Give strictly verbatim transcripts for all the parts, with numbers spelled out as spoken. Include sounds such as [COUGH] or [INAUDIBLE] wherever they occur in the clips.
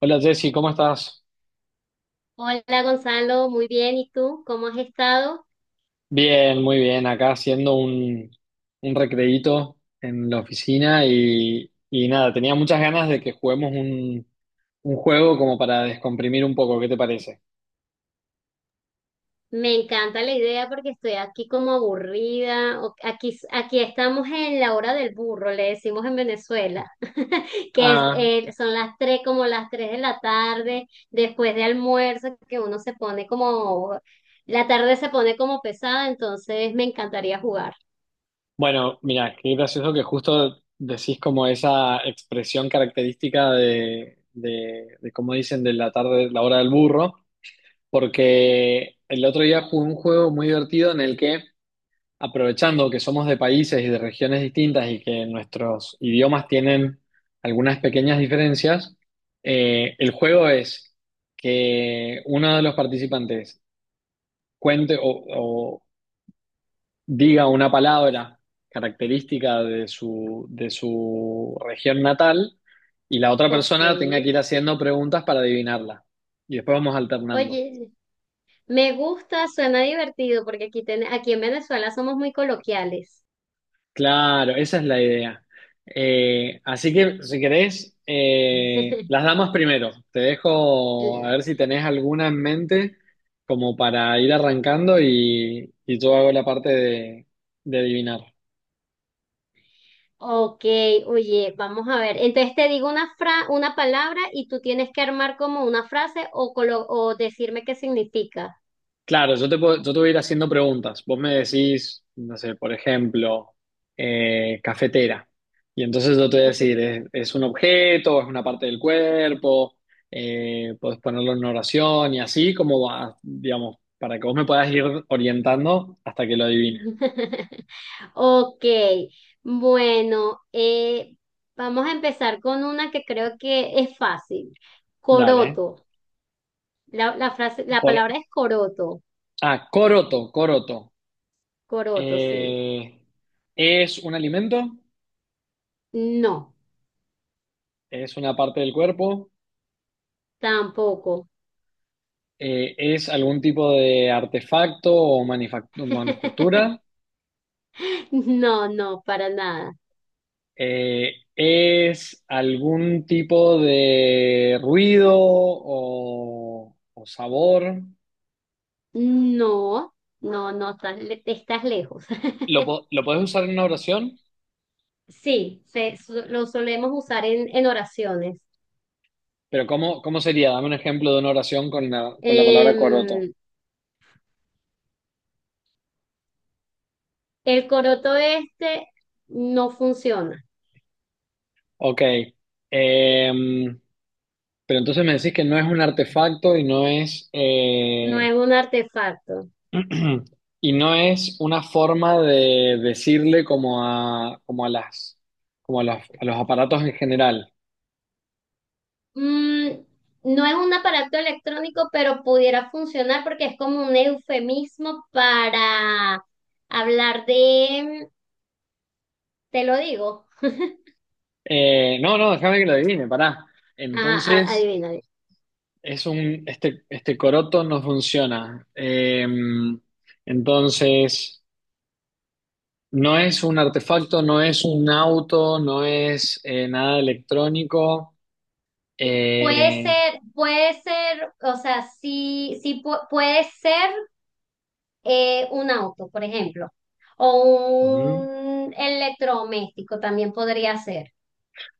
Hola Jessy, ¿cómo estás? Hola Gonzalo, muy bien. ¿Y tú? ¿Cómo has estado? Bien, muy bien. Acá haciendo un, un recreíto en la oficina y, y nada, tenía muchas ganas de que juguemos un, un juego como para descomprimir un poco. ¿Qué te parece? Me encanta la idea porque estoy aquí como aburrida. o- Aquí, aquí estamos en la hora del burro, le decimos en Venezuela, [LAUGHS] que es, Ah, eh, son las tres, como las tres de la tarde, después de almuerzo, que uno se pone como, la tarde se pone como pesada, entonces me encantaría jugar. bueno, mira, qué gracioso que justo decís como esa expresión característica de, de, de como dicen, de la tarde, la hora del burro, porque el otro día jugué un juego muy divertido en el que aprovechando que somos de países y de regiones distintas y que nuestros idiomas tienen algunas pequeñas diferencias, eh, el juego es que uno de los participantes cuente o, o diga una palabra característica de su, de su región natal y la otra Ok. persona tenga que ir haciendo preguntas para adivinarla. Y después vamos alternando. Oye, me gusta, suena divertido porque aquí, ten- aquí en Venezuela somos muy coloquiales. Claro, esa es la idea. Eh, así que si querés, eh, [LAUGHS] las damas primero. Te dejo a ver si tenés alguna en mente como para ir arrancando y, y yo hago la parte de, de adivinar. Ok, oye, vamos a ver. Entonces te digo una fra- una palabra y tú tienes que armar como una frase o, colo- o decirme qué significa. Claro, yo te puedo, yo te voy a ir haciendo preguntas. Vos me decís, no sé, por ejemplo, eh, cafetera. Y entonces yo te voy a decir, ¿es, es un objeto? ¿Es una parte del cuerpo? Eh, puedes ponerlo en una oración y así como va, digamos, para que vos me puedas ir orientando hasta que lo adivine. [LAUGHS] Ok, bueno, eh, vamos a empezar con una que creo que es fácil. Dale. ¿Eh? Coroto. La, la frase, la Por, palabra es coroto. ah, coroto, coroto. Coroto, sí. Eh, ¿Es un alimento? No, ¿Es una parte del cuerpo? tampoco. Eh, ¿es algún tipo de artefacto o manifac- [LAUGHS] manufactura? No, no, para nada. Eh, ¿es algún tipo de ruido o, o sabor? No, no, no, estás, le- estás lejos. [LAUGHS] ¿Lo, po- lo podés usar en una oración? Sí, se- su- lo solemos usar en, en oraciones. Pero ¿cómo, cómo sería? Dame un ejemplo de una oración con la, con la palabra coroto. Em, el coroto este no funciona, Ok. Em, pero entonces me decís que no es un artefacto y no es... no eh, es un artefacto. [CLEARS THROAT] Y no es una forma de decirle como a, como a las, como a las- a los aparatos en general. Mm, no es un aparato electrónico, pero pudiera funcionar porque es como un eufemismo para hablar de, te lo digo. Eh, no, no, déjame que lo adivine, pará. Ajá, a- Entonces, adivina. es un, este, este coroto no funciona. Eh, entonces, no es un artefacto, no es un auto, no es eh, nada electrónico. Sí. Puede Eh, ser, puede ser, o sea, sí, sí pu- puede ser eh, un auto, por ejemplo, o ujú. un electrodoméstico también podría ser.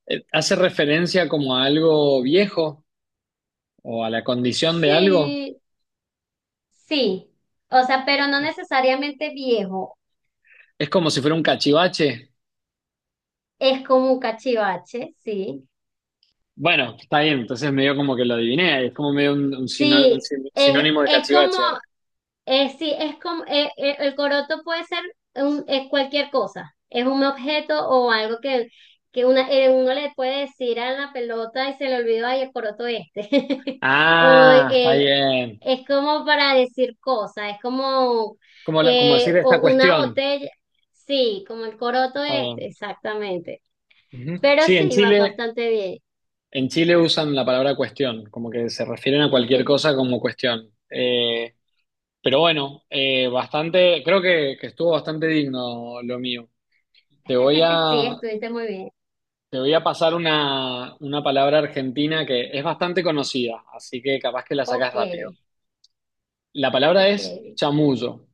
Eh, ¿Hace referencia como a algo viejo o a la condición de algo? Sí, sí. O sea, pero no necesariamente viejo. Es como si fuera un cachivache. Es como un cachivache, sí. Bueno, está bien, entonces medio como que lo adiviné, es como medio un, un sino- un Sí, sin- es, sinónimo de es como, cachivache, ¿no? Eh, sí, es como eh, eh, el coroto puede ser un- eh, cualquier cosa. Es un objeto o algo que, que una, eh, uno le puede decir a la pelota y se le olvidó, ay, el coroto este. [LAUGHS] O Ah, está eh, bien. es como para decir cosas, es como Como, lo- como decir eh, esta o una cuestión. botella. Sí, como el coroto Está este, bien. exactamente. Ujú. Pero Sí, en sí, vas Chile, bastante bien. en Chile usan la palabra cuestión, como que se refieren a cualquier cosa [LAUGHS] como cuestión. Eh, pero bueno, eh, bastante, creo que, que estuvo bastante digno lo mío. Te voy Sí, a, estuviste muy bien. Te voy a pasar una, una palabra argentina que es bastante conocida, así que capaz que la Ok, sacás rápido. La palabra ok. es chamuyo.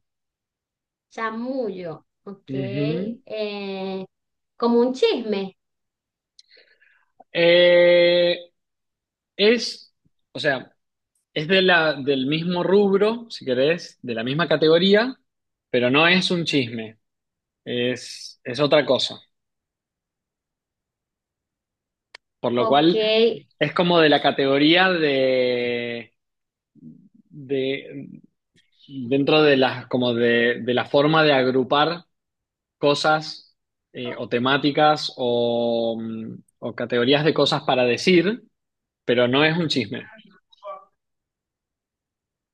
Chamullo, ok. Ujú. Eh, como un chisme, Eh, es, o sea, es de la, del mismo rubro, si querés, de la misma categoría, pero no es un chisme, es, es otra cosa. Por lo ok. cual, es como de la categoría de, de dentro de las, como de, de la forma de agrupar cosas eh, o temáticas o, mm, o categorías de cosas para decir, pero no es un chisme.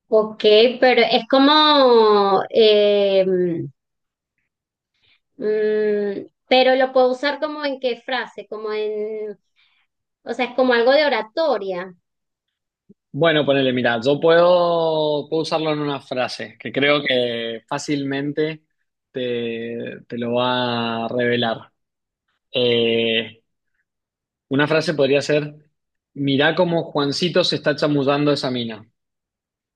Ok, pero es como, eh, mm, pero lo puedo usar como en qué frase, como en, o sea, es como algo de oratoria. Bueno, ponele, mira, yo puedo, puedo usarlo en una frase que creo que fácilmente te, te lo va a revelar. Eh, una frase podría ser, mirá cómo Juancito se está chamullando esa mina.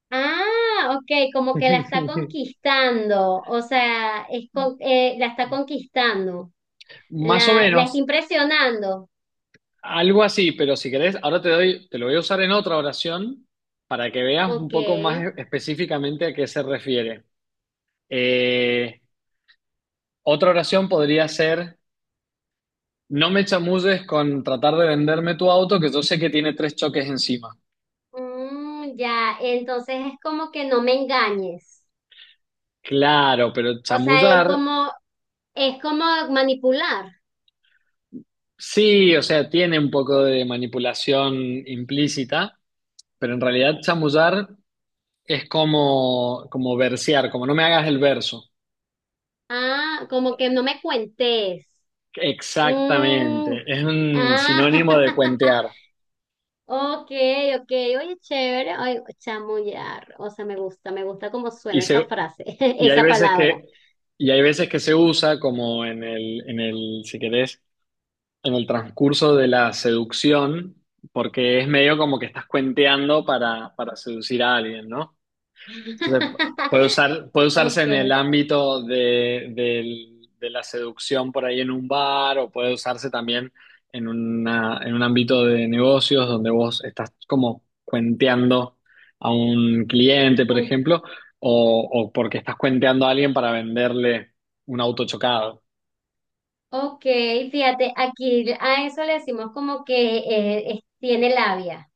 Ah, ok, como que la está [LAUGHS] conquistando, o sea, es con- eh, la está conquistando, Más o la, la está menos, impresionando. algo así, pero si querés, ahora te doy, te lo voy a usar en otra oración para que veas un Ok. poco más e- específicamente a qué se refiere. Eh, Otra oración podría ser, no me chamulles con tratar de venderme tu auto, que yo sé que tiene tres choques encima. Mm, ya, entonces es como que no me engañes. Claro, pero O sea, es chamullar, como, es como manipular. sí, o sea, tiene un poco de manipulación implícita, pero en realidad chamullar es como, como versear, como no me hagas el verso. Ah, como que no me cuentes. Mm, Exactamente, es un sinónimo de ah, cuentear. [LAUGHS] ok, ok. Oye, chévere. Ay, chamullar. O sea, me gusta, me gusta cómo Y, suena se, esa frase, [LAUGHS] y hay esa veces palabra. que, y hay veces que se usa como en el, en el, si querés, en el transcurso de la seducción, porque es medio como que estás cuenteando para, para seducir a alguien, ¿no? Entonces, pu- puede usar, [LAUGHS] puede usarse en el Okay. ámbito de, del- de la seducción por ahí en un bar o puede usarse también en una, en un ámbito de negocios donde vos estás como cuenteando a un cliente, por u- ejemplo, o, o porque estás cuenteando a alguien para venderle un auto chocado. Ok, fíjate, aquí a eso le decimos como que eh, es- tiene labia.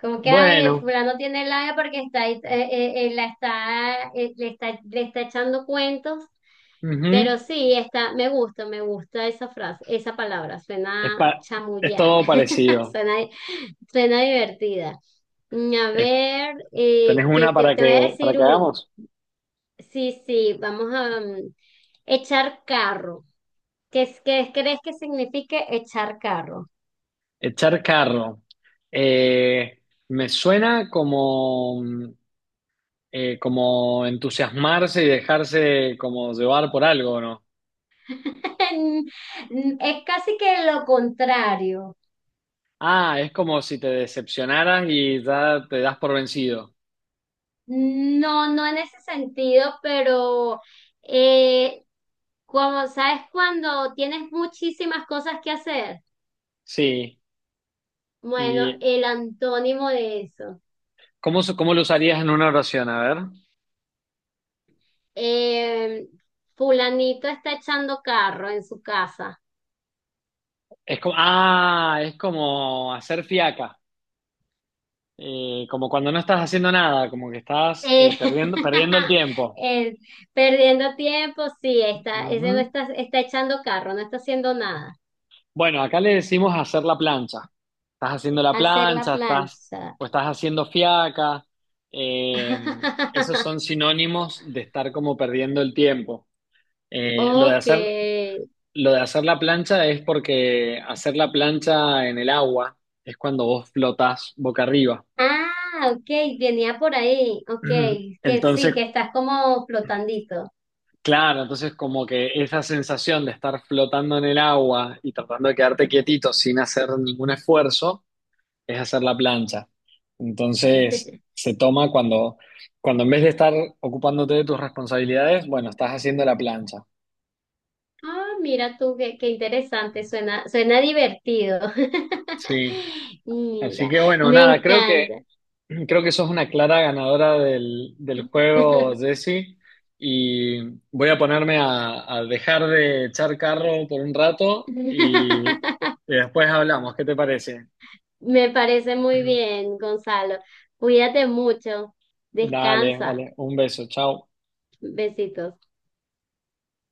Como que ay, el Bueno, fulano tiene labia porque está, ahí, eh, eh, eh, la está, eh, le está, le está echando cuentos. Pero ujú. sí, está, me gusta, me gusta esa frase, esa palabra, Es, suena pa- es chamullar, todo [LAUGHS] parecido. suena, suena divertida. Mm, a Es- ver, eh, ¿tenés que una te, para te voy a que, para decir que un, hagamos? sí, sí, vamos a mm, echar carro. ¿Qué, es- qué crees que signifique echar carro? Echar carro. Eh, Me suena como, mm, eh, como entusiasmarse y dejarse como llevar por algo, ¿no? [LAUGHS] Es casi que lo contrario. Ah, es como si te decepcionaras y ya te das por vencido. No, no en ese sentido, pero eh, como sabes, cuando tienes muchísimas cosas que hacer, Sí. bueno, ¿Y el antónimo de eso. cómo, se- cómo lo usarías en una oración? A ver. Eh, Fulanito está echando carro en su casa. Es como, ah, es como hacer fiaca. Eh, como cuando no estás haciendo nada, como que estás Eh, eh, perdiendo, perdiendo el [LAUGHS] tiempo. eh, perdiendo tiempo, sí, está, ese no Ujú. está, está echando carro, no está haciendo nada. Bueno, acá le decimos hacer la plancha. Estás haciendo la Hacer la plancha, estás plancha. o estás haciendo fiaca. Eh, Esos [LAUGHS] son sinónimos de estar como perdiendo el tiempo. Eh, lo de Ok. hacer, lo de hacer la plancha es porque hacer la plancha en el agua es cuando vos flotás boca arriba. Ah, ok, venía por ahí. Ok, [CLEARS THROAT] que sí, Entonces, que estás como flotandito. claro, entonces como que esa sensación de estar flotando en el agua y tratando de quedarte quietito sin hacer ningún esfuerzo es hacer la plancha. Entonces, [LAUGHS] se toma cuando, cuando en vez de estar ocupándote de tus responsabilidades, bueno, estás haciendo la plancha. Ah, mira tú, qué, qué interesante, suena, suena divertido. Sí. [LAUGHS] Así Mira, que bueno, me nada, creo encanta. que [CLEARS THROAT] creo que sos una clara ganadora del, del juego, Jessy. Y voy a ponerme a, a dejar de echar carro por un rato y, y [LAUGHS] después hablamos. ¿Qué te parece? Me parece [CLEARS THROAT] muy Ujú. bien, Gonzalo. Cuídate mucho. Dale, Descansa. dale. Un beso. Chao. Besitos.